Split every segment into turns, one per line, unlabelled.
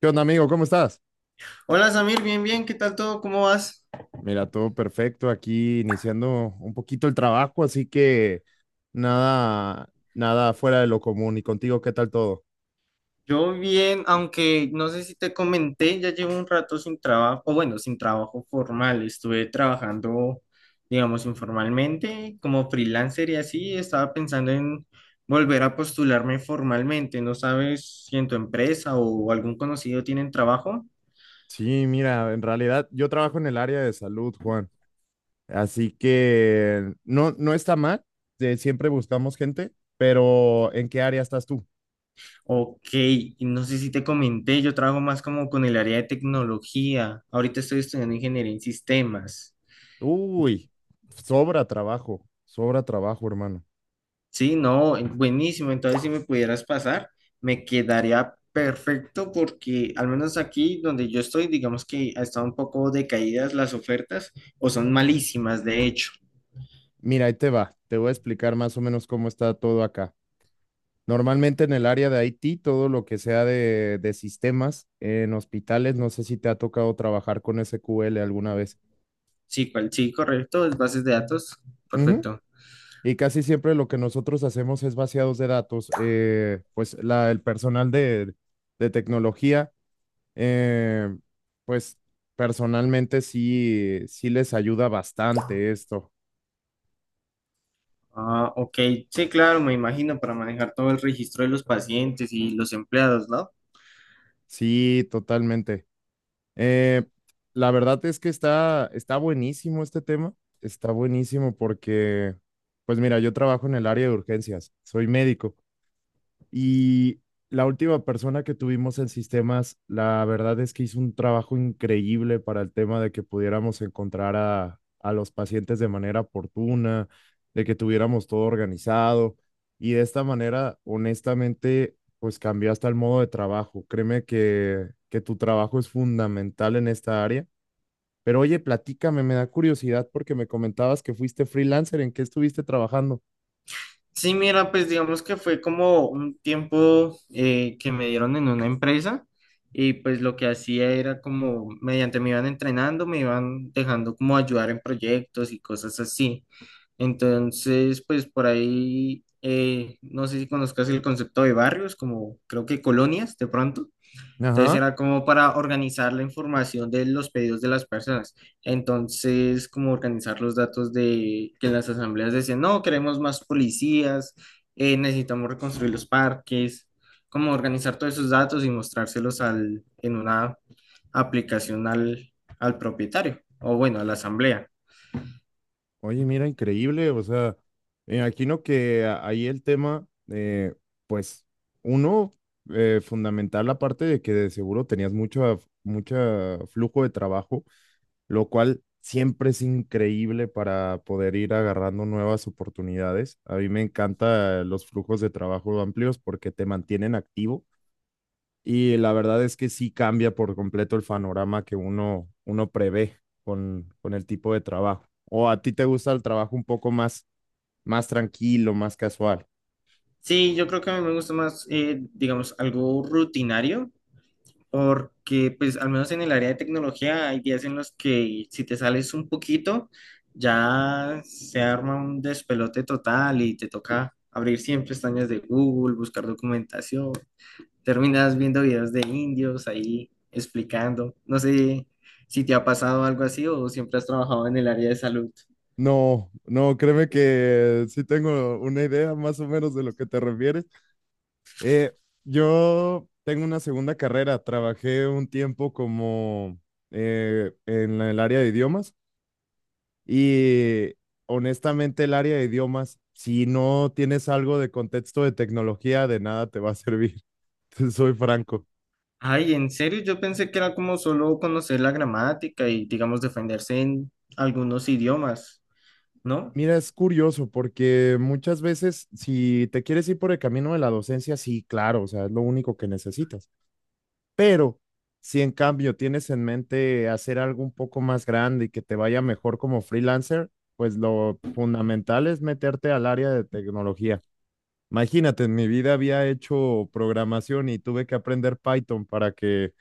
¿Qué onda, amigo? ¿Cómo estás?
Hola Samir, bien, bien, ¿qué tal todo? ¿Cómo vas?
Mira, todo perfecto aquí, iniciando un poquito el trabajo, así que nada fuera de lo común. ¿Y contigo qué tal todo?
Yo bien, aunque no sé si te comenté, ya llevo un rato sin trabajo, o bueno, sin trabajo formal, estuve trabajando, digamos, informalmente, como freelancer y así, estaba pensando en volver a postularme formalmente. ¿No sabes si en tu empresa o algún conocido tienen trabajo?
Sí, mira, en realidad yo trabajo en el área de salud, Juan, así que no, no está mal, de siempre buscamos gente, pero ¿en qué área estás tú?
Ok, y no sé si te comenté, yo trabajo más como con el área de tecnología, ahorita estoy estudiando ingeniería en sistemas.
Uy, sobra trabajo, hermano.
Sí, no, buenísimo. Entonces, si me pudieras pasar, me quedaría perfecto porque al menos aquí donde yo estoy, digamos que ha estado un poco decaídas las ofertas o son malísimas, de hecho.
Mira, ahí te va, te voy a explicar más o menos cómo está todo acá. Normalmente en el área de IT, todo lo que sea de sistemas en hospitales, no sé si te ha tocado trabajar con SQL alguna vez.
Sí, cual, sí, correcto, es bases de datos,
Ujú.
perfecto.
Y casi siempre lo que nosotros hacemos es vaciados de datos. Pues el personal de tecnología, eh, pues personalmente sí, sí les ayuda bastante esto.
Ah, ok, sí, claro, me imagino para manejar todo el registro de los pacientes y los empleados, ¿no?
Sí, totalmente. Eh, la verdad es que está buenísimo este tema, está buenísimo porque, pues mira, yo trabajo en el área de urgencias, soy médico y la última persona que tuvimos en sistemas, la verdad es que hizo un trabajo increíble para el tema de que pudiéramos encontrar a los pacientes de manera oportuna, de que tuviéramos todo organizado. Y de esta manera, honestamente, pues cambió hasta el modo de trabajo. Créeme que tu trabajo es fundamental en esta área. Pero oye, platícame, me da curiosidad porque me comentabas que fuiste freelancer, ¿en qué estuviste trabajando?
Sí, mira, pues digamos que fue como un tiempo que me dieron en una empresa y pues lo que hacía era como mediante me iban entrenando, me iban dejando como ayudar en proyectos y cosas así. Entonces, pues por ahí, no sé si conozcas el concepto de barrios, como creo que colonias de pronto. Entonces
Ajá.
era como para organizar la información de los pedidos de las personas. Entonces, como organizar los datos de que en las asambleas decían, no, queremos más policías, necesitamos reconstruir los parques, como organizar todos esos datos y mostrárselos al, en una aplicación al, al propietario o bueno, a la asamblea.
Oye, mira, increíble, o sea, me imagino que ahí el tema, pues, uno, fundamental la parte de que de seguro tenías mucho, mucha flujo de trabajo, lo cual siempre es increíble para poder ir agarrando nuevas oportunidades. A mí me encantan los flujos de trabajo amplios porque te mantienen activo y la verdad es que sí cambia por completo el panorama que uno, uno prevé con el tipo de trabajo. ¿O a ti te gusta el trabajo un poco más, más tranquilo, más casual?
Sí, yo creo que a mí me gusta más, digamos, algo rutinario porque pues al menos en el área de tecnología hay días en los que si te sales un poquito ya se arma un despelote total y te toca abrir siempre pestañas de Google, buscar documentación, terminas viendo videos de indios ahí explicando, no sé si te ha pasado algo así o siempre has trabajado en el área de salud.
No, no, créeme que sí tengo una idea más o menos de lo que te refieres. Eh, yo tengo una segunda carrera, trabajé un tiempo como en el área de idiomas y honestamente, el área de idiomas, si no tienes algo de contexto de tecnología, de nada te va a servir. Te soy franco.
Ay, en serio, yo pensé que era como solo conocer la gramática y digamos defenderse en algunos idiomas, ¿no?
Mira, es curioso porque muchas veces si te quieres ir por el camino de la docencia, sí, claro, o sea, es lo único que necesitas. Pero si en cambio tienes en mente hacer algo un poco más grande y que te vaya mejor como freelancer, pues lo fundamental es meterte al área de tecnología. Imagínate, en mi vida había hecho programación y tuve que aprender Python para que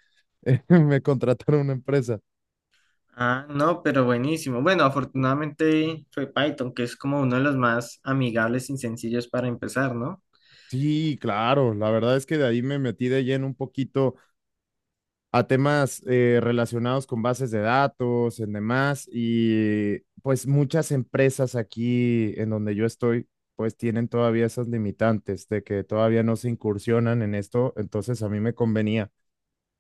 me contratara una empresa.
Ah, no, pero buenísimo. Bueno, afortunadamente fue Python, que es como uno de los más amigables y sencillos para empezar, ¿no?
Sí, claro, la verdad es que de ahí me metí de lleno un poquito a temas relacionados con bases de datos, en demás, y pues muchas empresas aquí en donde yo estoy, pues tienen todavía esas limitantes de que todavía no se incursionan en esto, entonces a mí me convenía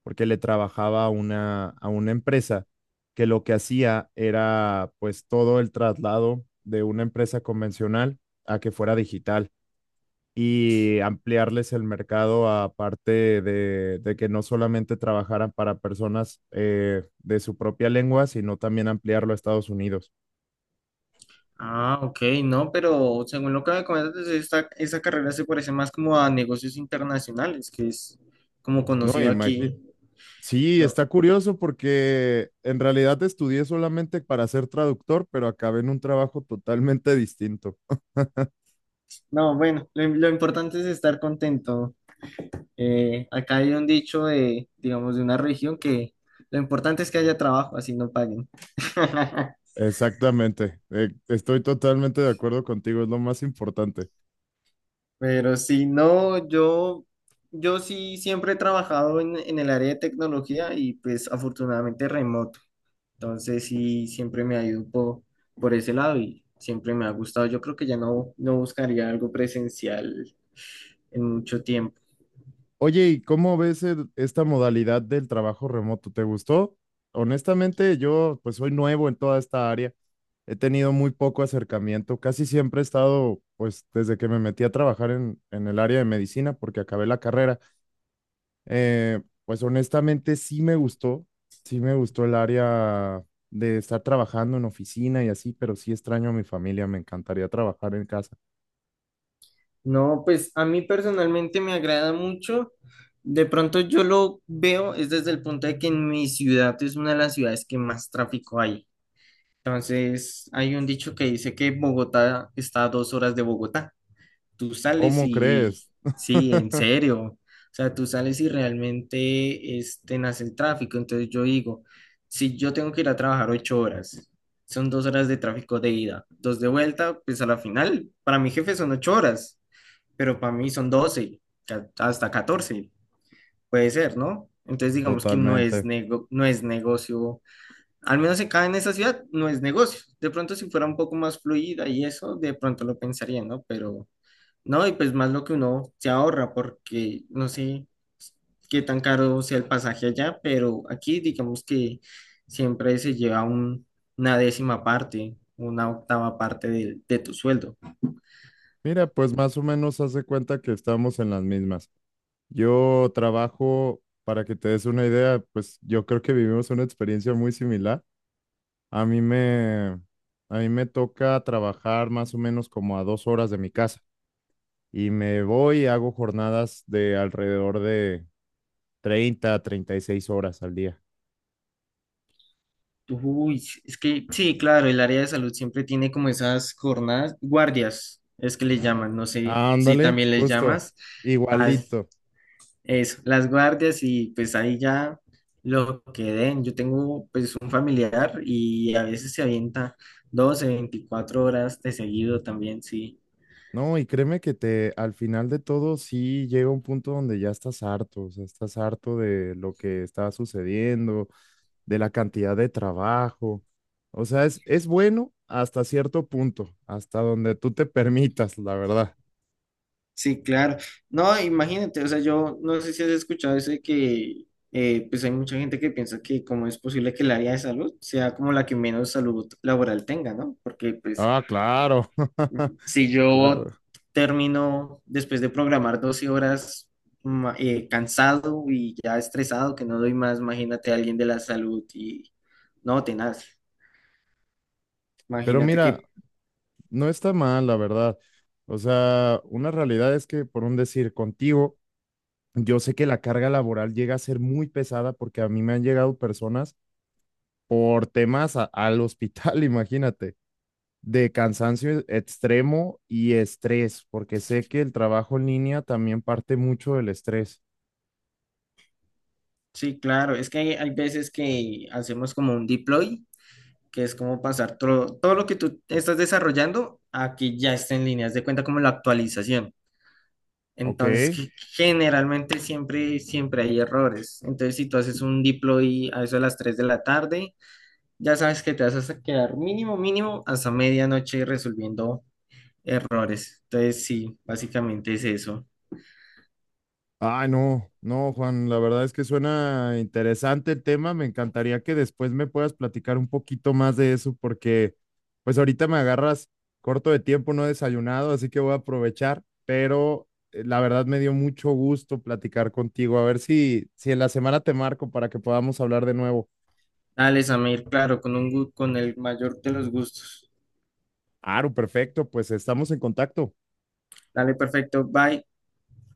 porque le trabajaba a una empresa que lo que hacía era pues todo el traslado de una empresa convencional a que fuera digital y ampliarles el mercado aparte de que no solamente trabajaran para personas de su propia lengua, sino también ampliarlo a Estados Unidos.
Ah, ok, no, pero según lo que me comentas, pues, esta, esa carrera se parece más como a negocios internacionales, que es como
No,
conocido
imagino.
aquí.
Sí,
Pero-
está curioso porque en realidad estudié solamente para ser traductor, pero acabé en un trabajo totalmente distinto.
no, bueno, lo importante es estar contento. Acá hay un dicho de, digamos, de una región que lo importante es que haya trabajo, así no paguen.
Exactamente, estoy totalmente de acuerdo contigo, es lo más importante.
Pero si no, yo sí siempre he trabajado en el área de tecnología y pues afortunadamente remoto. Entonces sí, siempre me ha ido un po- por ese lado y siempre me ha gustado. Yo creo que ya no, no buscaría algo presencial en mucho tiempo.
Oye, ¿y cómo ves esta modalidad del trabajo remoto? ¿Te gustó? Honestamente, yo pues soy nuevo en toda esta área, he tenido muy poco acercamiento, casi siempre he estado, pues desde que me metí a trabajar en el área de medicina, porque acabé la carrera, eh, pues honestamente sí me gustó el área de estar trabajando en oficina y así, pero sí extraño a mi familia, me encantaría trabajar en casa.
No, pues a mí personalmente me agrada mucho. De pronto yo lo veo es desde el punto de que en mi ciudad es una de las ciudades que más tráfico hay. Entonces hay un dicho que dice que Bogotá está a 2 horas de Bogotá. Tú sales
¿Cómo
y
crees?
sí, en serio, o sea, tú sales y realmente este, nace el tráfico. Entonces yo digo, si yo tengo que ir a trabajar 8 horas, son 2 horas de tráfico de ida, dos de vuelta, pues a la final, para mi jefe son 8 horas, pero para mí son doce, ca- hasta catorce, puede ser, ¿no? Entonces digamos que no es
Totalmente.
nego- no es negocio, al menos acá en esa ciudad no es negocio. De pronto si fuera un poco más fluida y eso, de pronto lo pensaría, ¿no? Pero no, y pues más lo que uno se ahorra, porque no sé qué tan caro sea el pasaje allá, pero aquí digamos que siempre se lleva un- una décima parte, una octava parte del- de, tu sueldo.
Mira, pues más o menos hace cuenta que estamos en las mismas. Yo trabajo, para que te des una idea, pues yo creo que vivimos una experiencia muy similar. A mí me, a mí me toca trabajar más o menos como a 2 horas de mi casa y me voy y hago jornadas de alrededor de 30 a 36 horas al día.
Uy, es que sí, claro, el área de salud siempre tiene como esas jornadas, guardias, es que les llaman, no sé si
Ándale,
también les
justo,
llamas.
igualito.
Eso, las guardias y pues ahí ya lo que den. Yo tengo pues un familiar y a veces se avienta 12, 24 horas de seguido también, sí.
No, y créeme que te, al final de todo, sí llega un punto donde ya estás harto, o sea, estás harto de lo que está sucediendo, de la cantidad de trabajo. O sea, es bueno hasta cierto punto, hasta donde tú te permitas, la verdad.
Sí, claro. No, imagínate, o sea, yo no sé si has escuchado eso de que pues hay mucha gente que piensa que cómo es posible que el área de salud sea como la que menos salud laboral tenga, ¿no? Porque pues
Ah, claro,
si yo
claro.
termino después de programar 12 horas ma- cansado y ya estresado, que no doy más, imagínate a alguien de la salud y no, tenaz.
Pero
Imagínate
mira,
que,
no está mal, la verdad. O sea, una realidad es que, por un decir, contigo, yo sé que la carga laboral llega a ser muy pesada porque a mí me han llegado personas por temas al hospital, imagínate, de cansancio extremo y estrés, porque sé que el trabajo en línea también parte mucho del estrés,
sí, claro, es que hay veces que hacemos como un deploy, que es como pasar todo, todo lo que tú estás desarrollando a que ya está en línea, haz de cuenta como la actualización.
¿ok?
Entonces, que generalmente siempre hay errores. Entonces, si tú haces un deploy a eso de las 3 de la tarde, ya sabes que te vas a quedar mínimo hasta medianoche resolviendo errores. Entonces, sí, básicamente es eso.
Ay, no, no, Juan, la verdad es que suena interesante el tema. Me encantaría que después me puedas platicar un poquito más de eso, porque pues ahorita me agarras corto de tiempo, no he desayunado, así que voy a aprovechar, pero la verdad me dio mucho gusto platicar contigo. A ver si, si en la semana te marco para que podamos hablar de nuevo.
Dale, Samir, claro, con un, gu- con el mayor de los gustos.
Aro, perfecto, pues estamos en contacto.
Dale, perfecto, bye.